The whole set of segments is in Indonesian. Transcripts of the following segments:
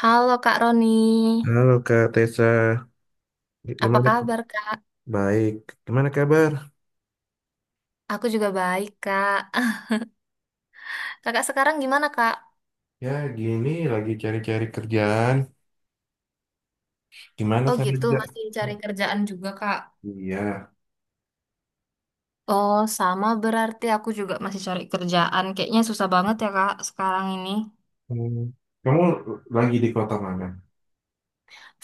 Halo Kak Roni, Halo Kak Tessa, apa gimana? kabar Kak? Baik, gimana kabar? Aku juga baik Kak. Kakak sekarang gimana Kak? Ya gini, lagi cari-cari kerjaan. Gimana Oh sana gitu, juga? masih cari kerjaan juga Kak. Iya. Oh sama berarti aku juga masih cari kerjaan. Kayaknya susah banget ya Kak sekarang ini. Hmm, Kamu lagi di kota mana?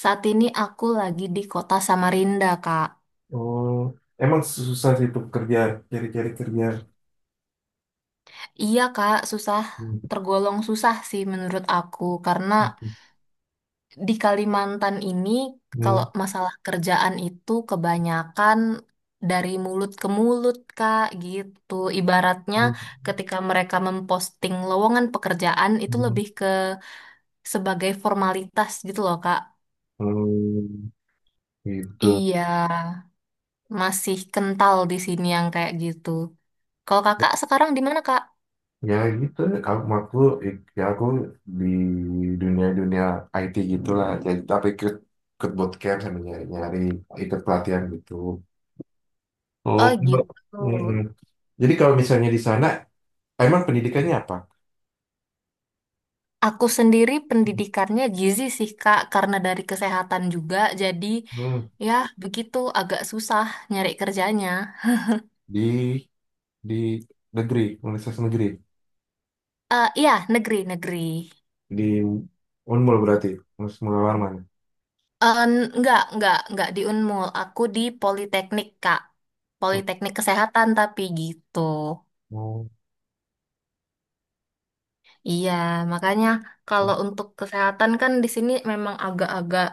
Saat ini aku lagi di kota Samarinda Kak. Oh, emang susah sih itu kerjaan, cari-cari kerjaan. Iya Kak, susah. Hmm. Tergolong susah sih menurut aku karena di Kalimantan ini, kalau Hmm. masalah kerjaan itu kebanyakan dari mulut ke mulut, Kak, gitu. Ibaratnya ketika mereka memposting lowongan pekerjaan itu Hmm. lebih ke sebagai formalitas gitu loh, Kak. Hmm. Gitu. Iya, masih kental di sini yang kayak gitu. Kalau kakak sekarang di mana, Kak? Ya gitu, kamu aku ya aku di dunia-dunia IT gitulah. Jadi tapi ikut ikut bootcamp sama nyari ikut pelatihan gitu. Oh, Oh Mbak. gitu. Mm-mm. Jadi kalau misalnya di sana emang pendidikannya apa? Aku sendiri pendidikannya gizi sih Kak, karena dari kesehatan juga, jadi Hmm. ya begitu agak susah nyari kerjanya. di di negeri, universitas negeri Eh iya, negeri-negeri. di Unmul berarti, Universitas warman. Eh enggak di Unmul, aku di Politeknik Kak. Politeknik Kesehatan tapi gitu. Oh, Iya, makanya kalau untuk kesehatan kan di sini memang agak-agak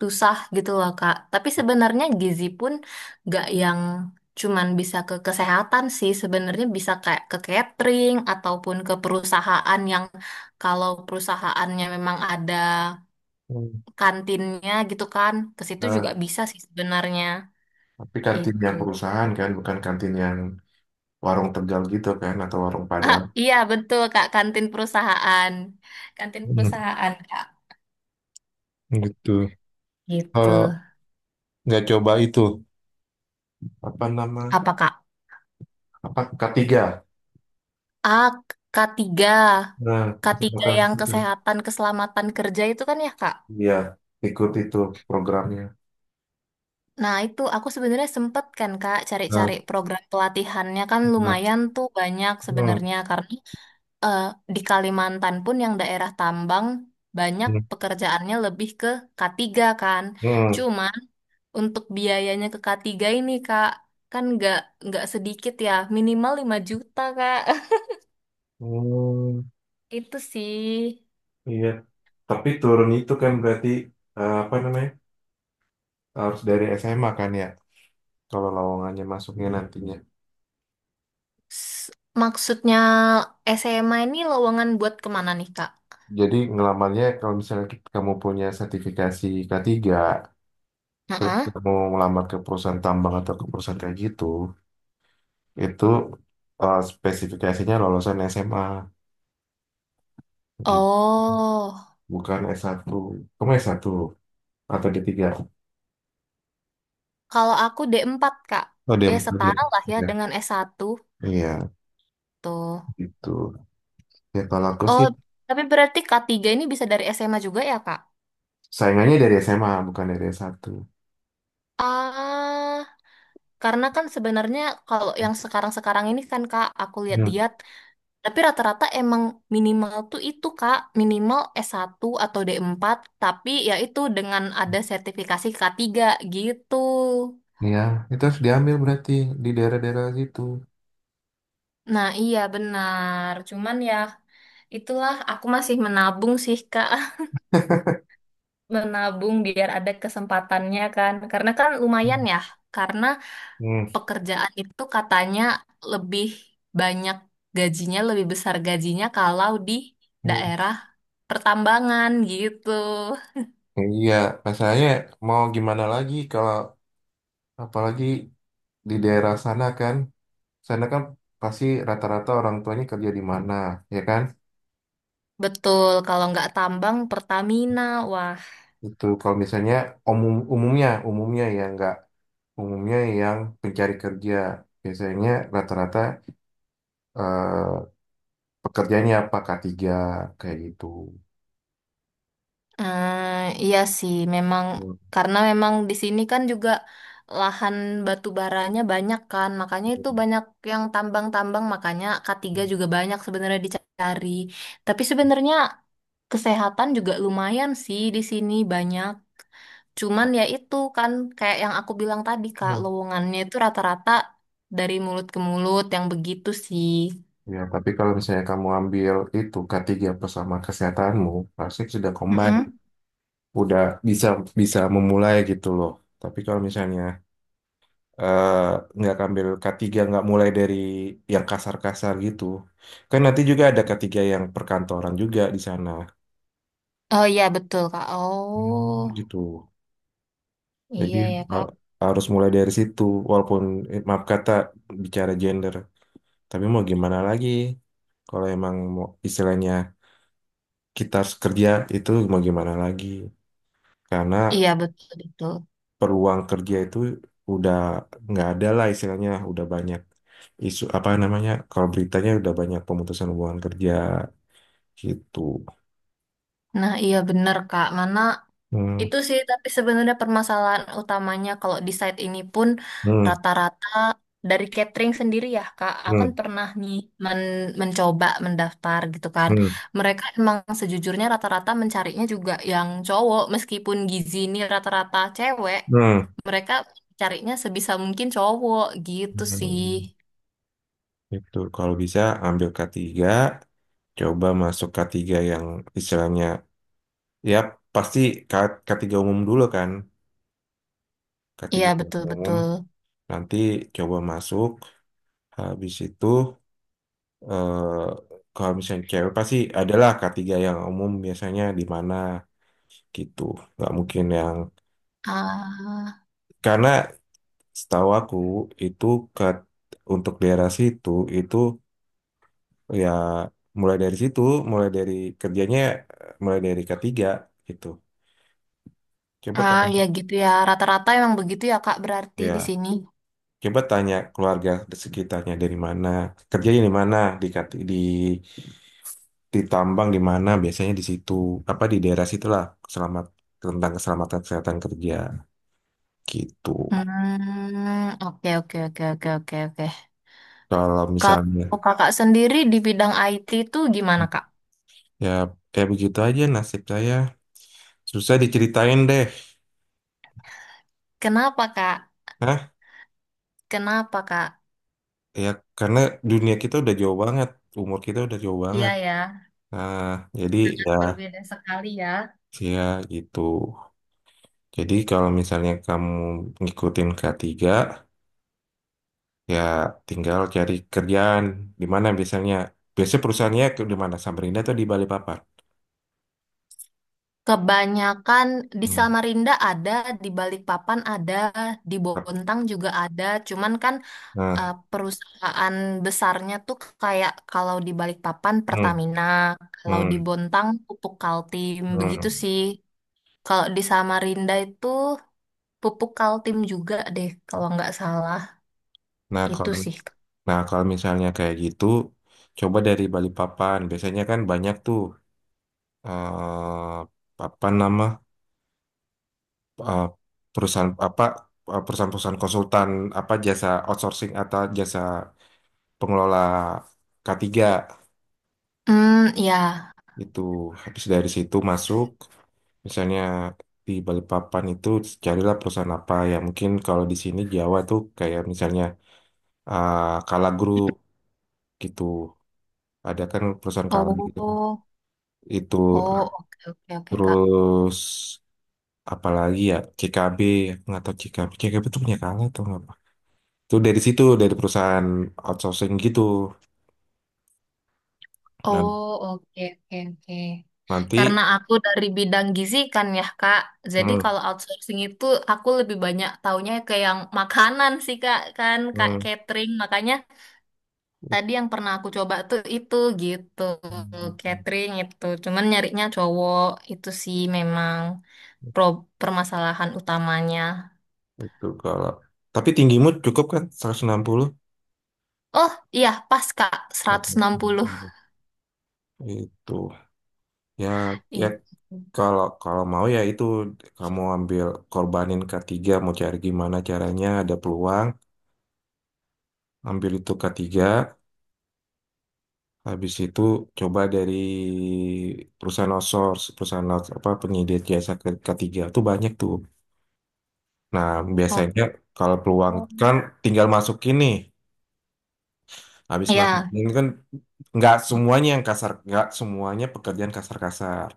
susah gitu loh Kak. Tapi sebenarnya gizi pun gak yang cuman bisa ke kesehatan sih, sebenarnya bisa kayak ke catering ataupun ke perusahaan yang kalau perusahaannya memang ada mm. kantinnya gitu kan, ke situ juga Nah, bisa sih sebenarnya. tapi kantin yang Itu. perusahaan kan, bukan kantin yang warung Tegal gitu kan, atau warung Padang. Iya, betul Kak, kantin perusahaan. Kantin perusahaan Kak. Gitu. Gitu. Kalau nggak coba itu, apa nama, Apa Kak? apa ketiga. A, k tiga, Nah, K3 kesempatan yang itu. kesehatan, keselamatan kerja itu kan ya Kak? Iya, ikut itu programnya. Nah, itu aku sebenarnya sempet kan Kak cari-cari Nah, program pelatihannya kan nah. lumayan tuh banyak Hmm. sebenarnya karena eh, di Kalimantan pun yang daerah tambang banyak Hmm. pekerjaannya lebih ke K3 kan. Hmm. Cuma untuk biayanya ke K3 ini Kak kan nggak sedikit ya, minimal 5 juta Kak. Hmm. Itu sih Iya, tapi turun itu kan berarti, eh, apa namanya, harus dari SMA kan ya. Kalau lowongannya masuknya nantinya, S- maksudnya SMA ini lowongan buat kemana nih Kak? jadi ngelamarnya kalau misalnya kamu punya sertifikasi K3, terus Heeh. kamu ngelamar ke perusahaan tambang atau ke perusahaan kayak gitu. Itu, eh, spesifikasinya lulusan SMA gitu, Oh. bukan S1. Kamu S1 atau D3? Kalau aku D4 Kak. Oh, d Ya empat setara lah ya D3. dengan S1 Iya, tuh. gitu. Ya kalau aku Oh, sih tapi berarti K3 ini bisa dari SMA juga ya, Kak? saingannya dari SMA bukan dari S1. Ah, karena kan sebenarnya kalau yang sekarang-sekarang ini kan, Kak, aku Hmm. lihat-lihat, tapi rata-rata emang minimal tuh itu, Kak, minimal S1 atau D4. Tapi ya itu dengan ada sertifikasi K3 gitu. Iya, itu harus diambil berarti di daerah-daerah situ. Nah, iya benar. Cuman ya itulah aku masih menabung sih Kak menabung biar ada kesempatannya kan. Karena kan Hmm. lumayan ya, karena Hmm. pekerjaan itu katanya lebih banyak gajinya, lebih besar gajinya kalau di Hmm. daerah pertambangan gitu. Iya, masalahnya mau gimana lagi kalau apalagi di daerah sana kan, pasti rata-rata orang tuanya kerja di mana, ya kan? Betul, kalau nggak tambang Pertamina, wah. Itu kalau misalnya umumnya ya nggak, umumnya yang pencari kerja biasanya rata-rata, eh, pekerjaannya apa, K3 kayak gitu. Eh, iya sih, memang Hmm. karena memang di sini kan juga lahan batu baranya banyak kan, makanya itu banyak yang tambang-tambang, makanya K3 juga banyak sebenarnya dicari. Tapi sebenarnya kesehatan juga lumayan sih di sini banyak. Cuman ya itu kan kayak yang aku bilang tadi Kak, Hmm. lowongannya itu rata-rata dari mulut ke mulut yang begitu sih. Ya, tapi kalau misalnya kamu ambil itu K3 plus sama kesehatanmu, pasti sudah combine, Mm-mm. udah bisa bisa memulai gitu loh. Tapi kalau misalnya, eh, nggak ambil K3 nggak mulai dari yang kasar-kasar gitu, kan nanti juga ada K3 yang perkantoran juga di sana. Oh iya betul Kak. Oh Hmm, gitu. Jadi iya ya Kak. ha- harus mulai dari situ, walaupun, eh, maaf kata, bicara gender, tapi mau gimana lagi? Kalau emang mau istilahnya kita harus kerja, itu mau gimana lagi? Karena Iya betul betul. peluang kerja itu udah nggak ada lah istilahnya, udah banyak isu apa namanya? Kalau beritanya udah banyak pemutusan hubungan kerja gitu. Nah, iya bener Kak. Mana Hmm. itu sih tapi sebenarnya permasalahan utamanya kalau di site ini pun Hmm. rata-rata dari catering sendiri ya Kak. Aku kan Hmm. pernah nih mencoba mendaftar gitu kan. Hmm. Mereka emang sejujurnya rata-rata mencarinya juga yang cowok meskipun gizi ini rata-rata cewek. Hmm. Mereka carinya sebisa mungkin cowok gitu sih. Hmm. Itu kalau bisa ambil K3. Coba masuk K3 yang istilahnya, ya pasti K3 umum dulu kan, k Iya tiga umum, betul-betul. nanti coba masuk, habis itu, eh, kalau misalnya cewek pasti adalah K3 yang umum biasanya di mana gitu, nggak mungkin yang, Ah, karena setahu aku itu ke, untuk daerah situ itu ya mulai dari situ, mulai dari kerjanya, eh, mulai dari K3 gitu. Coba ah kalau ya gitu ya. Rata-rata emang begitu ya Kak berarti di ya. sini. Coba tanya keluarga sekitarnya dari mana, kerjanya di mana, di, di ditambang di mana, biasanya di situ, apa di daerah situlah selamat tentang keselamatan kesehatan kerja gitu. Hmm, oke oke oke oke oke oke. Kalau misalnya, Kalau kakak sendiri di bidang IT itu gimana kak? ya kayak begitu aja nasib saya. Susah diceritain deh. Kenapa kak? Nah. Kenapa kak? Ya karena dunia kita udah jauh banget, umur kita udah jauh Iya banget. ya, Nah, jadi ya, berbeda sekali ya. ya gitu. Jadi kalau misalnya kamu ngikutin K3, ya, tinggal cari kerjaan di mana biasanya. Biasanya perusahaannya ke di mana? Samarinda atau di Balikpapan? Kebanyakan di Hmm. Samarinda ada, di Balikpapan ada, di Bontang juga ada. Cuman kan Nah. perusahaan besarnya tuh kayak kalau di Balikpapan Hmm. Pertamina, kalau di Hmm. Bontang Pupuk Kaltim begitu Hmm. sih. Kalau di Samarinda itu Pupuk Kaltim juga deh, kalau nggak salah. Nah, Itu kalau sih. nah, kalau misalnya kayak gitu, coba dari Balikpapan. Biasanya kan banyak tuh, eh, apa nama, eh, perusahaan apa, eh, perusahaan-perusahaan konsultan apa jasa outsourcing atau jasa pengelola K3. Hmm, ya. Itu habis dari situ masuk, misalnya di Balikpapan itu carilah perusahaan apa ya mungkin kalau di sini Jawa tuh kayak misalnya, ah, Kala Group gitu. Ada kan perusahaan Kala gitu. Oh, Itu oh, oke, oke, oke, Kak. terus apalagi ya CKB, nggak tahu, CKB CKB tuh punya Kala atau apa. Itu dari situ dari perusahaan outsourcing gitu. Nah, Oh, oke, oke, oke. nanti. Karena aku dari bidang gizi kan ya, Kak. Jadi Hmm. kalau outsourcing itu aku lebih banyak taunya ke yang makanan sih, Kak. Kan, Kak, Hmm. catering. Makanya tadi yang pernah aku coba tuh itu gitu. Catering itu. Cuman nyarinya cowok. Itu sih memang pro permasalahan utamanya. Itu kalau tapi tinggimu cukup kan, 160. Oh iya pas Kak 160 Itu ya, ya itu. kalau kalau mau ya itu kamu ambil korbanin K3, mau cari gimana caranya ada peluang, ambil itu k tiga, habis itu coba dari perusahaan outsource, apa penyedia jasa K3 itu banyak tuh. Nah, Oh biasanya kalau peluang kan tinggal masukin nih. Habis ya masukin kan nggak semuanya yang kasar, nggak semuanya pekerjaan kasar-kasar.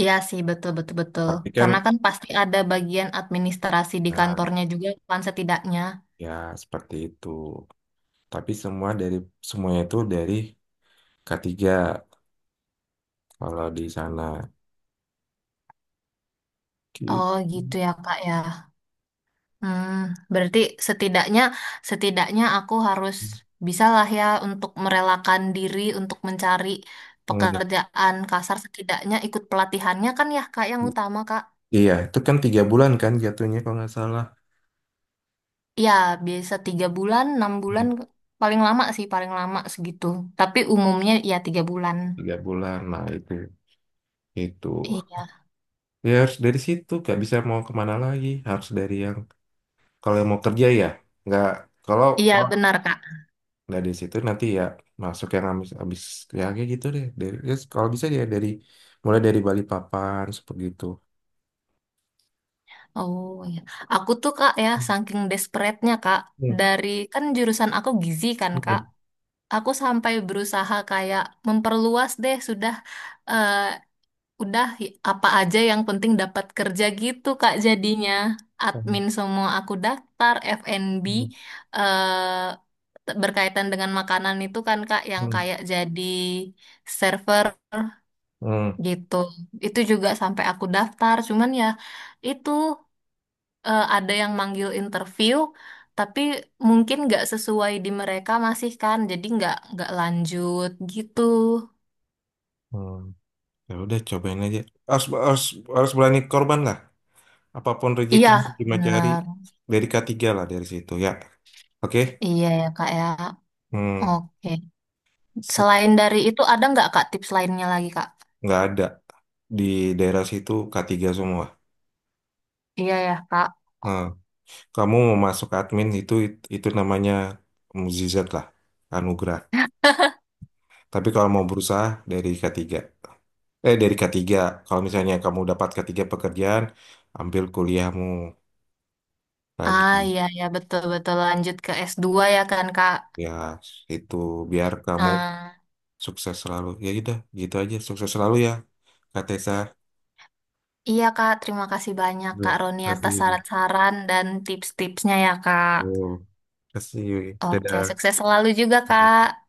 iya sih betul betul betul. Tapi kan, Karena kan pasti ada bagian administrasi di nah, kantornya juga kan setidaknya. ya seperti itu. Tapi semuanya itu dari K3 kalau di sana gitu. Oh gitu ya Kak ya. Hmm, berarti setidaknya setidaknya aku harus bisalah ya untuk merelakan diri untuk mencari Hmm. pekerjaan kasar setidaknya ikut pelatihannya kan ya Kak yang utama Kak. Iya, itu kan 3 bulan kan jatuhnya kalau nggak salah. Ya, biasa 3 bulan, enam Hmm. bulan, paling lama sih, paling lama segitu. Tapi umumnya ya 3 bulan. Tiga bulan, nah itu Iya, ya harus dari situ nggak bisa mau kemana lagi harus dari yang kalau yang mau kerja ya nggak, kalau iya kalau benar Kak. nggak dari situ nanti ya masuk yang habis habis ya kayak gitu deh dari ya kalau bisa ya dari mulai dari Balikpapan seperti itu. Oh iya, aku tuh Kak ya, Hmm. saking desperate-nya Kak, Hmm. dari kan jurusan aku gizi kan Kak, Hmm. aku sampai berusaha kayak memperluas deh eh, Udah apa aja yang penting dapat kerja gitu Kak jadinya. Hmm. Admin semua aku daftar, F&B Hmm. eh, berkaitan dengan makanan itu kan Kak yang Hmm. kayak jadi server Hmm. gitu. Itu juga sampai aku daftar, cuman ya itu ada yang manggil interview tapi mungkin nggak sesuai di mereka masih kan, jadi nggak lanjut gitu. Hmm. Ya udah cobain aja. Harus, harus, harus berani korban lah. Apapun Iya, rezekinya cuma cari benar. dari K3 lah dari situ ya. Oke. Iya ya Kak ya. Hmm. Oke. Set. Selain dari itu ada nggak Kak tips lainnya lagi Kak? Nggak ada di daerah situ K3 semua. Iya ya Kak. Nah, kamu mau masuk admin itu namanya mukjizat lah, anugerah. Tapi kalau mau berusaha dari K3. Eh dari K3. Kalau misalnya kamu dapat K3 pekerjaan, ambil kuliahmu Ah lagi. iya ya betul-betul lanjut ke S2 ya kan Kak. Ya, itu biar kamu. Ah, Sukses selalu. Ya udah, gitu aja. Sukses selalu ya, Kak Tessa. iya Kak, terima kasih banyak Terima Kak Roni atas kasih. saran-saran dan tips-tipsnya ya Kak. Terima kasih. Oke, Dadah. sukses selalu juga Kak.